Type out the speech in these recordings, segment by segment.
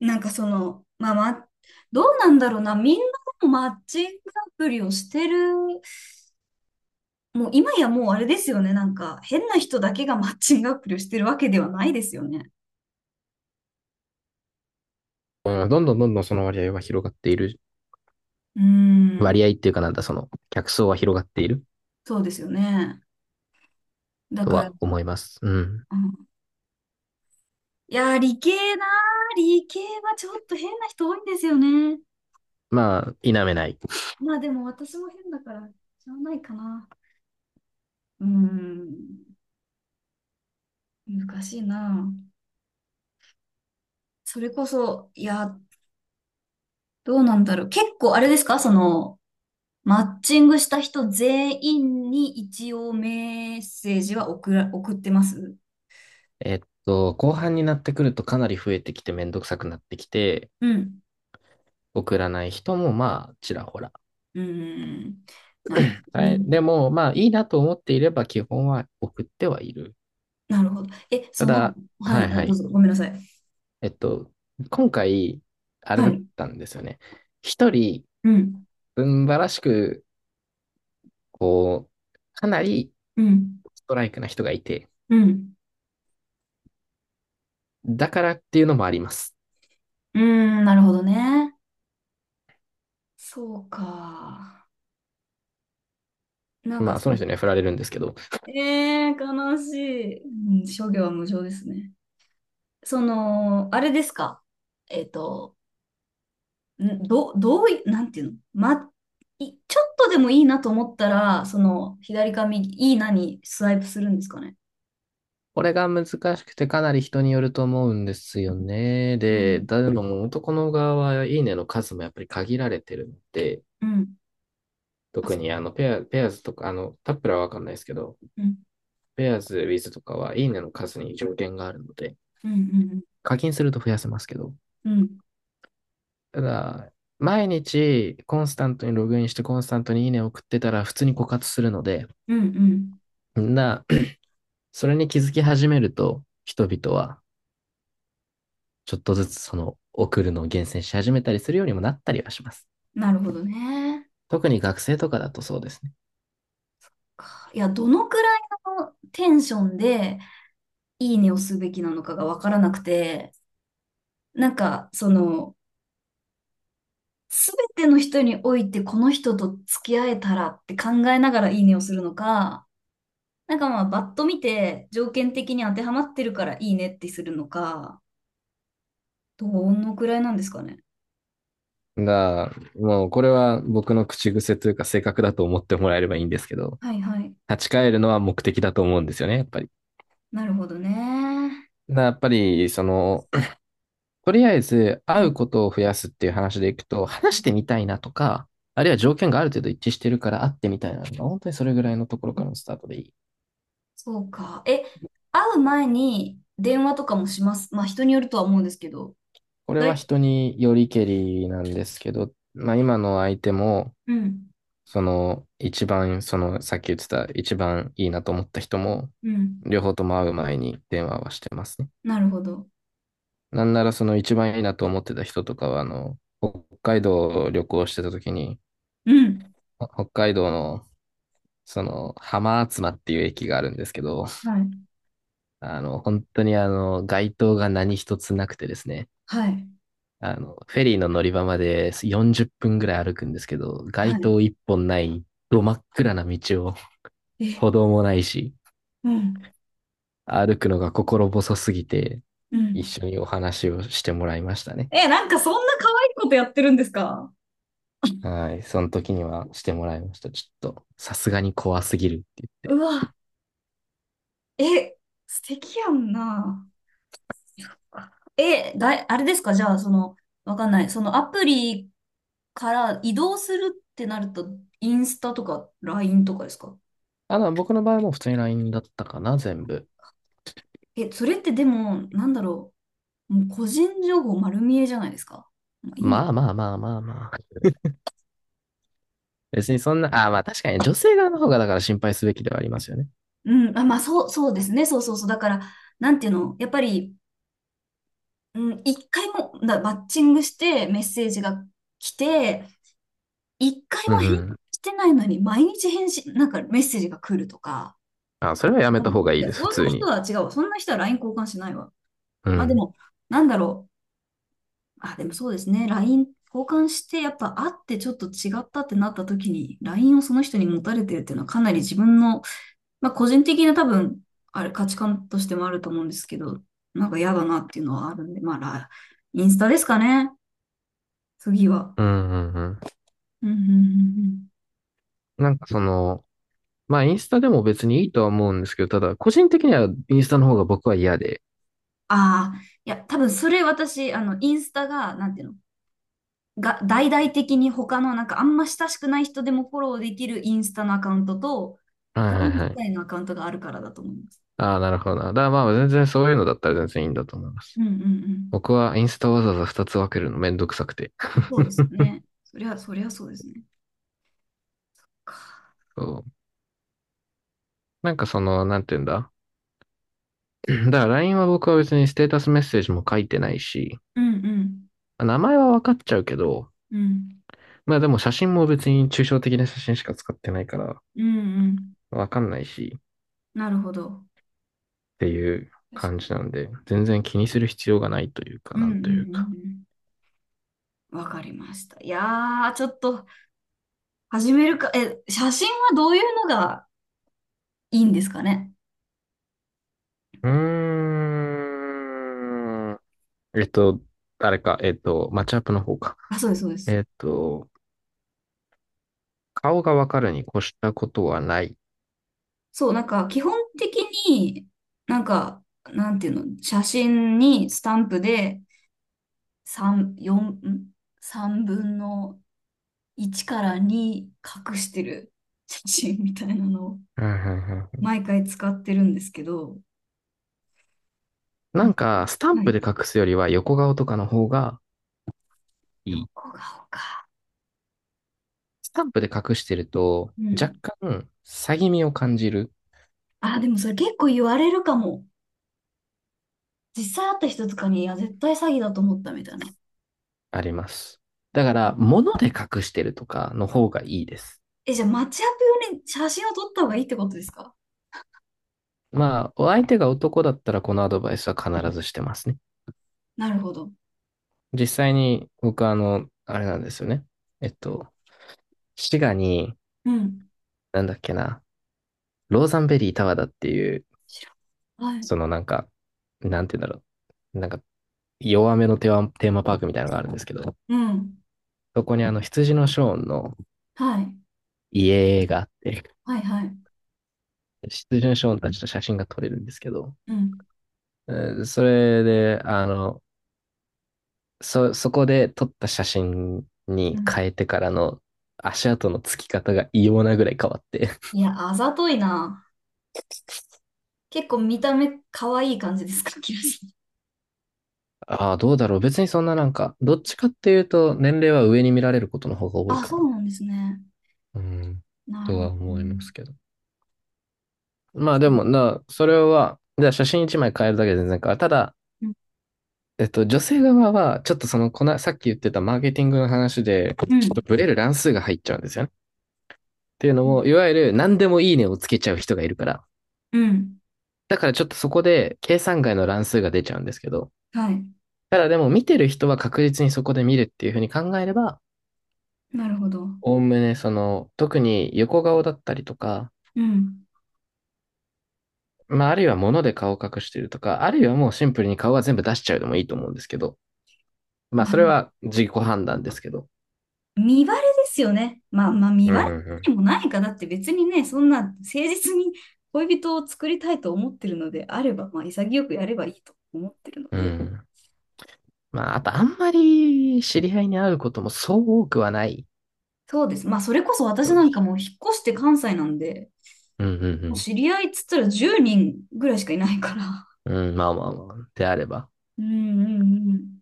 なんかその、まあ、どうなんだろうな、みんなでもマッチングアプリをしてる、もう今やもうあれですよね、なんか変な人だけがマッチングアプリをしてるわけではないですよね。うんどんどんどんどんその割合は広がっている。うーん、割合っていうかなんだ、その客層は広がっているそうですよね。だとから、は思います。うん。うん、いやー、理系はちょっと変な人多いんですよね。まあ、否めない。まあでも私も変だから、しゃあないかな。うーん、難しいな。それこそ、いや、どうなんだろう。結構あれですか、その、マッチングした人全員に一応メッセージは送ってます。えっ後半になってくるとかなり増えてきてめんどくさくなってきて、うん。送らない人もまあ、ちらほら。うん。なるほどはい。ね。でも、まあ、いいなと思っていれば基本は送ってはいる。なるほど。え、たその、だ、はい、はあ、いはどうい。ぞ、ごめんなさい。えっと、今回、あれはだっい。たんですよね。一人、うん。うんばらしく、こう、かなりうん。ストライクな人がいて、うん。だからっていうのもあります。うーん、なるほどね。そうか。なんかまあ、そその人の、には振られるんですけど、悲しい。うん、諸行は無常ですね。その、あれですか。えっと、んど、どうい、なんていうのま、い、ちょっとでもいいなと思ったら、その、左か右、いいなにスワイプするんですかね。これが難しくてかなり人によると思うんですよね。うん、で、だでも男の側はいいねの数もやっぱり限られてるので、うん、あ、特そにペアーズとか、あの、タップラはわかんないですけど、う、うん、ペアーズ、ウィズとかはいいねの数に条件があるので、うん、課金すると増やせますけど、うん、うん、ただ、毎日コンスタントにログインしてコンスタントにいいねを送ってたら普通に枯渇するので、うん、うん、うん、な、それに気づき始めると、人々はちょっとずつその送るのを厳選し始めたりするようにもなったりはします。なるほどね。特に学生とかだとそうですね。いや、どのくらいのテンションで、いいねをすべきなのかがわからなくて、なんか、その、すべての人において、この人と付き合えたらって考えながらいいねをするのか、なんかまあ、バッと見て、条件的に当てはまってるからいいねってするのか、どのくらいなんですかね。が、もうこれは僕の口癖というか性格だと思ってもらえればいいんですけど、はいはい。立ち返るのは目的だと思うんですよね、やっぱり。なるほどね。だやっぱり、その、とりあえずは会うい。ことを増やすっていう話でいくと、話してみたいなとか、あるいは条件がある程度一致してるから会ってみたいなのが、本当にそれぐらいのところからのスタートでいい。そうか。え、会う前に電話とかもします？まあ、人によるとは思うんですけど。これは大体、人によりけりなんですけど、まあ今の相手も、うん。その、一番、その、さっき言ってた、一番いいなと思った人も、うん。両方とも会う前に電話はしてますね。なるほど。なんなら、その一番いいなと思ってた人とかは、あの、北海道を旅行してた時に、うん。北海道の、その、浜厚間っていう駅があるんですけど、はい。あの、本当に街灯が何一つなくてですね、はい。あの、フェリーの乗り場まで40分ぐらい歩くんですけど、街は灯一本ない、ど真っ暗な道を、い。え、歩道もないし、うん。歩くのが心細すぎて、う一ん。緒にお話をしてもらいましたね。え、なんかそんな可愛いことやってるんですか？はい。その時にはしてもらいました。ちょっと、さすがに怖すぎるって言っうて。わ。え、素敵やんな。え、あれですかじゃあ、その、わかんない。そのアプリから移動するってなると、インスタとか LINE とかですか？あの、僕の場合も普通に LINE だったかな、全部。え、それってでも、なんだろう。もう個人情報丸見えじゃないですか。まあ、いいの。まあまあまあまあまあ。別にそんな、ああまあ確かにね女性側の方がだから心配すべきではありますよね。うん、あ、まあ、そうですね。そうそうそう。だから、なんていうの、やっぱり、うん、一回も、なマッチングしてメッセージが来て、一回うもん返う事ん。してないのに、毎日返信、なんかメッセージが来るとか、あ、それはやめうたん、方いがいいやでそす、普んな通人に。は違うわ。そんな人は LINE 交換しないわ。うまあでん。も、なんだろう。あ、でもそうですね。LINE 交換して、やっぱ会ってちょっと違ったってなった時に、LINE をその人に持たれてるっていうのはかなり自分の、まあ個人的な多分、あれ価値観としてもあると思うんですけど、なんか嫌だなっていうのはあるんで、まあ、ラインスタですかね。次は。うんうんうん。うんうんうんうん。なんかその、まあインスタでも別にいいとは思うんですけど、ただ個人的にはインスタの方が僕は嫌で。ああ、いや、多分それ私、あの、インスタが、なんていうの、が、大々的に他のなんかあんま親しくない人でもフォローできるインスタのアカウントと、はフいレはいンはズい。界のアカウントがあるからだと思います。ああ、なるほどな。だからまあ全然そういうのだったら全然いいんだと思います。うんうん僕はインスタわざわざ2つ分けるのめんどくさくて。うん。そうです ね。そりゃそうですね。そう。なんかその、なんて言うんだ。だから LINE は僕は別にステータスメッセージも書いてないし、うんうん名前は分かっちゃうけど、うんまあでも写真も別に抽象的な写真しか使ってないからうんうん、分かんないしっなるほど。ていう確感かに。じなんで、全然気にする必要がないというか、うなんうんんうというか。んうん。わかりました。いやー、ちょっと始めるか。え、写真はどういうのがいいんですかね。うーん。えっと、あれか、マッチアップの方か。あ、そうです、そうです。えっと、顔がわかるに越したことはない。そう、なんか基本的に、なんか、なんていうの、写真にスタンプで3、4、3分の1から2隠してる写真みたいなのをうんうんうん。毎回使ってるんですけど、うなんん、か、スタンはプい。で隠すよりは横顔とかの方がいい。ここが青か。スタンプで隠してると、う若ん。干、詐欺味を感じる、あ、でもそれ結構言われるかも。実際会った人とかに、いや、絶対詐欺だと思ったみたいな。あります。だかうら、ん、物で隠してるとかの方がいいです。え、じゃあ、マッチアップ用に写真を撮った方がいいってことですか？まあ、お相手が男だったらこのアドバイスは必ずしてますね。なるほど。実際に、僕あの、あれなんですよね。えっと、滋賀に、うん。なんだっけな、ローザンベリータワーだっていう、知らん、はい。そのなんか、なんて言うんだろう。なんか弱めのテーマパークみたいなのがあるんですけど、うん。そこにあの羊のショーンのはい。家があって、はいはい。羊のショーンたちと写真が撮れるんですけど、うん。それで、あの、そこで撮った写真うにん。変えてからの足跡のつき方が異様なぐらい変わって いや、あざといな。結構見た目可愛い感じですか、キラさん？ああ、どうだろう。別にそんななんか、どっちかっていうと年齢は上に見られることの方が 多いあ、かそうな。なんですね。うん、なるとほはど。う思いまん。すけど。まあでもな、それは、じゃあ写真一枚変えるだけで全然変わる。ただ、うん。女性側は、ちょっとその、さっき言ってたマーケティングの話で、ちょっとブレる乱数が入っちゃうんですよね。っていうのうん。も、いわゆる何でもいいねをつけちゃう人がいるから。うん、だからちょっとそこで計算外の乱数が出ちゃうんですけど、はい。ただでも見てる人は確実にそこで見るっていうふうに考えれば、なるほど。おおむねその、特に横顔だったりとか、うん。まあ、あるいは物で顔を隠してるとか、あるいはもうシンプルに顔は全部出しちゃうでもいいと思うんですけど、まあ、まあ、それは自己判断ですけど。見バレですよね。まあまあ、見うんバレうでんもないか。だって別にね、そんな誠実に恋人を作りたいと思ってるのであれば、まあ潔くやればいいと思ってるのうん。で。うん。まあ、あとあんまり知り合いに会うこともそう多くはない。そうです。まあそれこそ私正なんか直。もう引っ越して関西なんで、うんうもうん知り合いっつったら10人ぐらいしかいないから。うん。うん、まあまあまあ。であれば。うんうん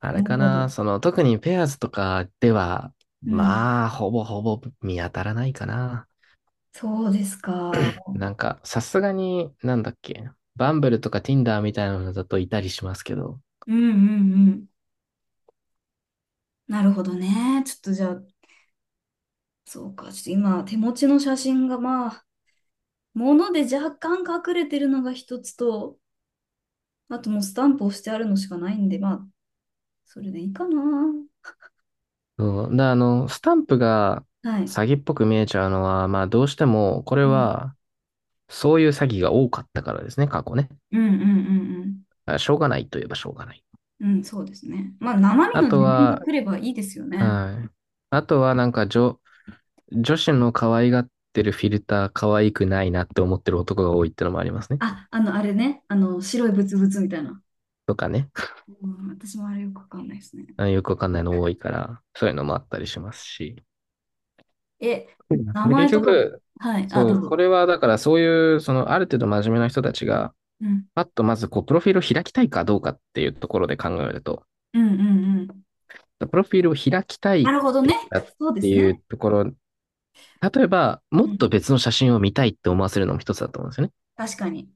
あうん。れなるかほな、ど。その、特にペアーズとかでは、うん。まあ、ほぼほぼ見当たらないかな。そうですか。なんか、さすがに、なんだっけ、バンブルとか Tinder みたいなのだといたりしますけど。うんうんうん。なるほどね。ちょっとじゃあ、そうか。ちょっと今、手持ちの写真がまあ、物で若干隠れてるのが一つと、あともうスタンプをしてあるのしかないんで、まあ、それでいいかな。うん。で、あの、スタンプがはい。詐欺っぽく見えちゃうのは、まあ、どうしても、これうん。は、そういう詐欺が多かったからですね、過去ね。うんうんうんだからしょうがないといえばしょうがない。うん。うん、そうですね。まあ、生身あのと自分がは、来ればいいですよね。はい。あとはなんか女子の可愛がってるフィルター可愛くないなって思ってる男が多いってのもありますね。あ、あの、あれね。あの、白いブツブツみたいな。とかね。うん、私もあれよくわかんないですね。あよくわかんないの多いから、そういうのもあったりしますし。え、名で、結前とか、局、はい、あ、そどうう、こぞ。れはだからそういう、そのある程度真面目な人たちが、うん、パッとまずこう、プロフィールを開きたいかどうかっていうところで考えると、うん、うん、うん。プロフィールを開きたいなっるほどてね。したっそうでてすいうね。ところ、例えば、もっうとん。別の写真を見たいって思わせるのも一つだと思うんですよね。確かに。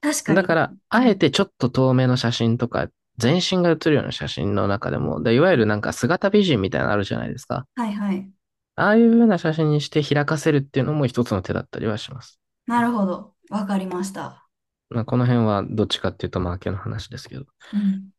確かだに。から、うあえん。てちょっと遠目の写真とか、全身が写るような写真の中でも、で、いうわゆるん、なんか姿美人みたいなのあるじゃないですか。はい、はい。ああいう風な写真にして開かせるっていうのも一つの手だったりはします。なるほど。わかりました。まあ、この辺はどっちかっていうと、マーケの話ですけど。うん。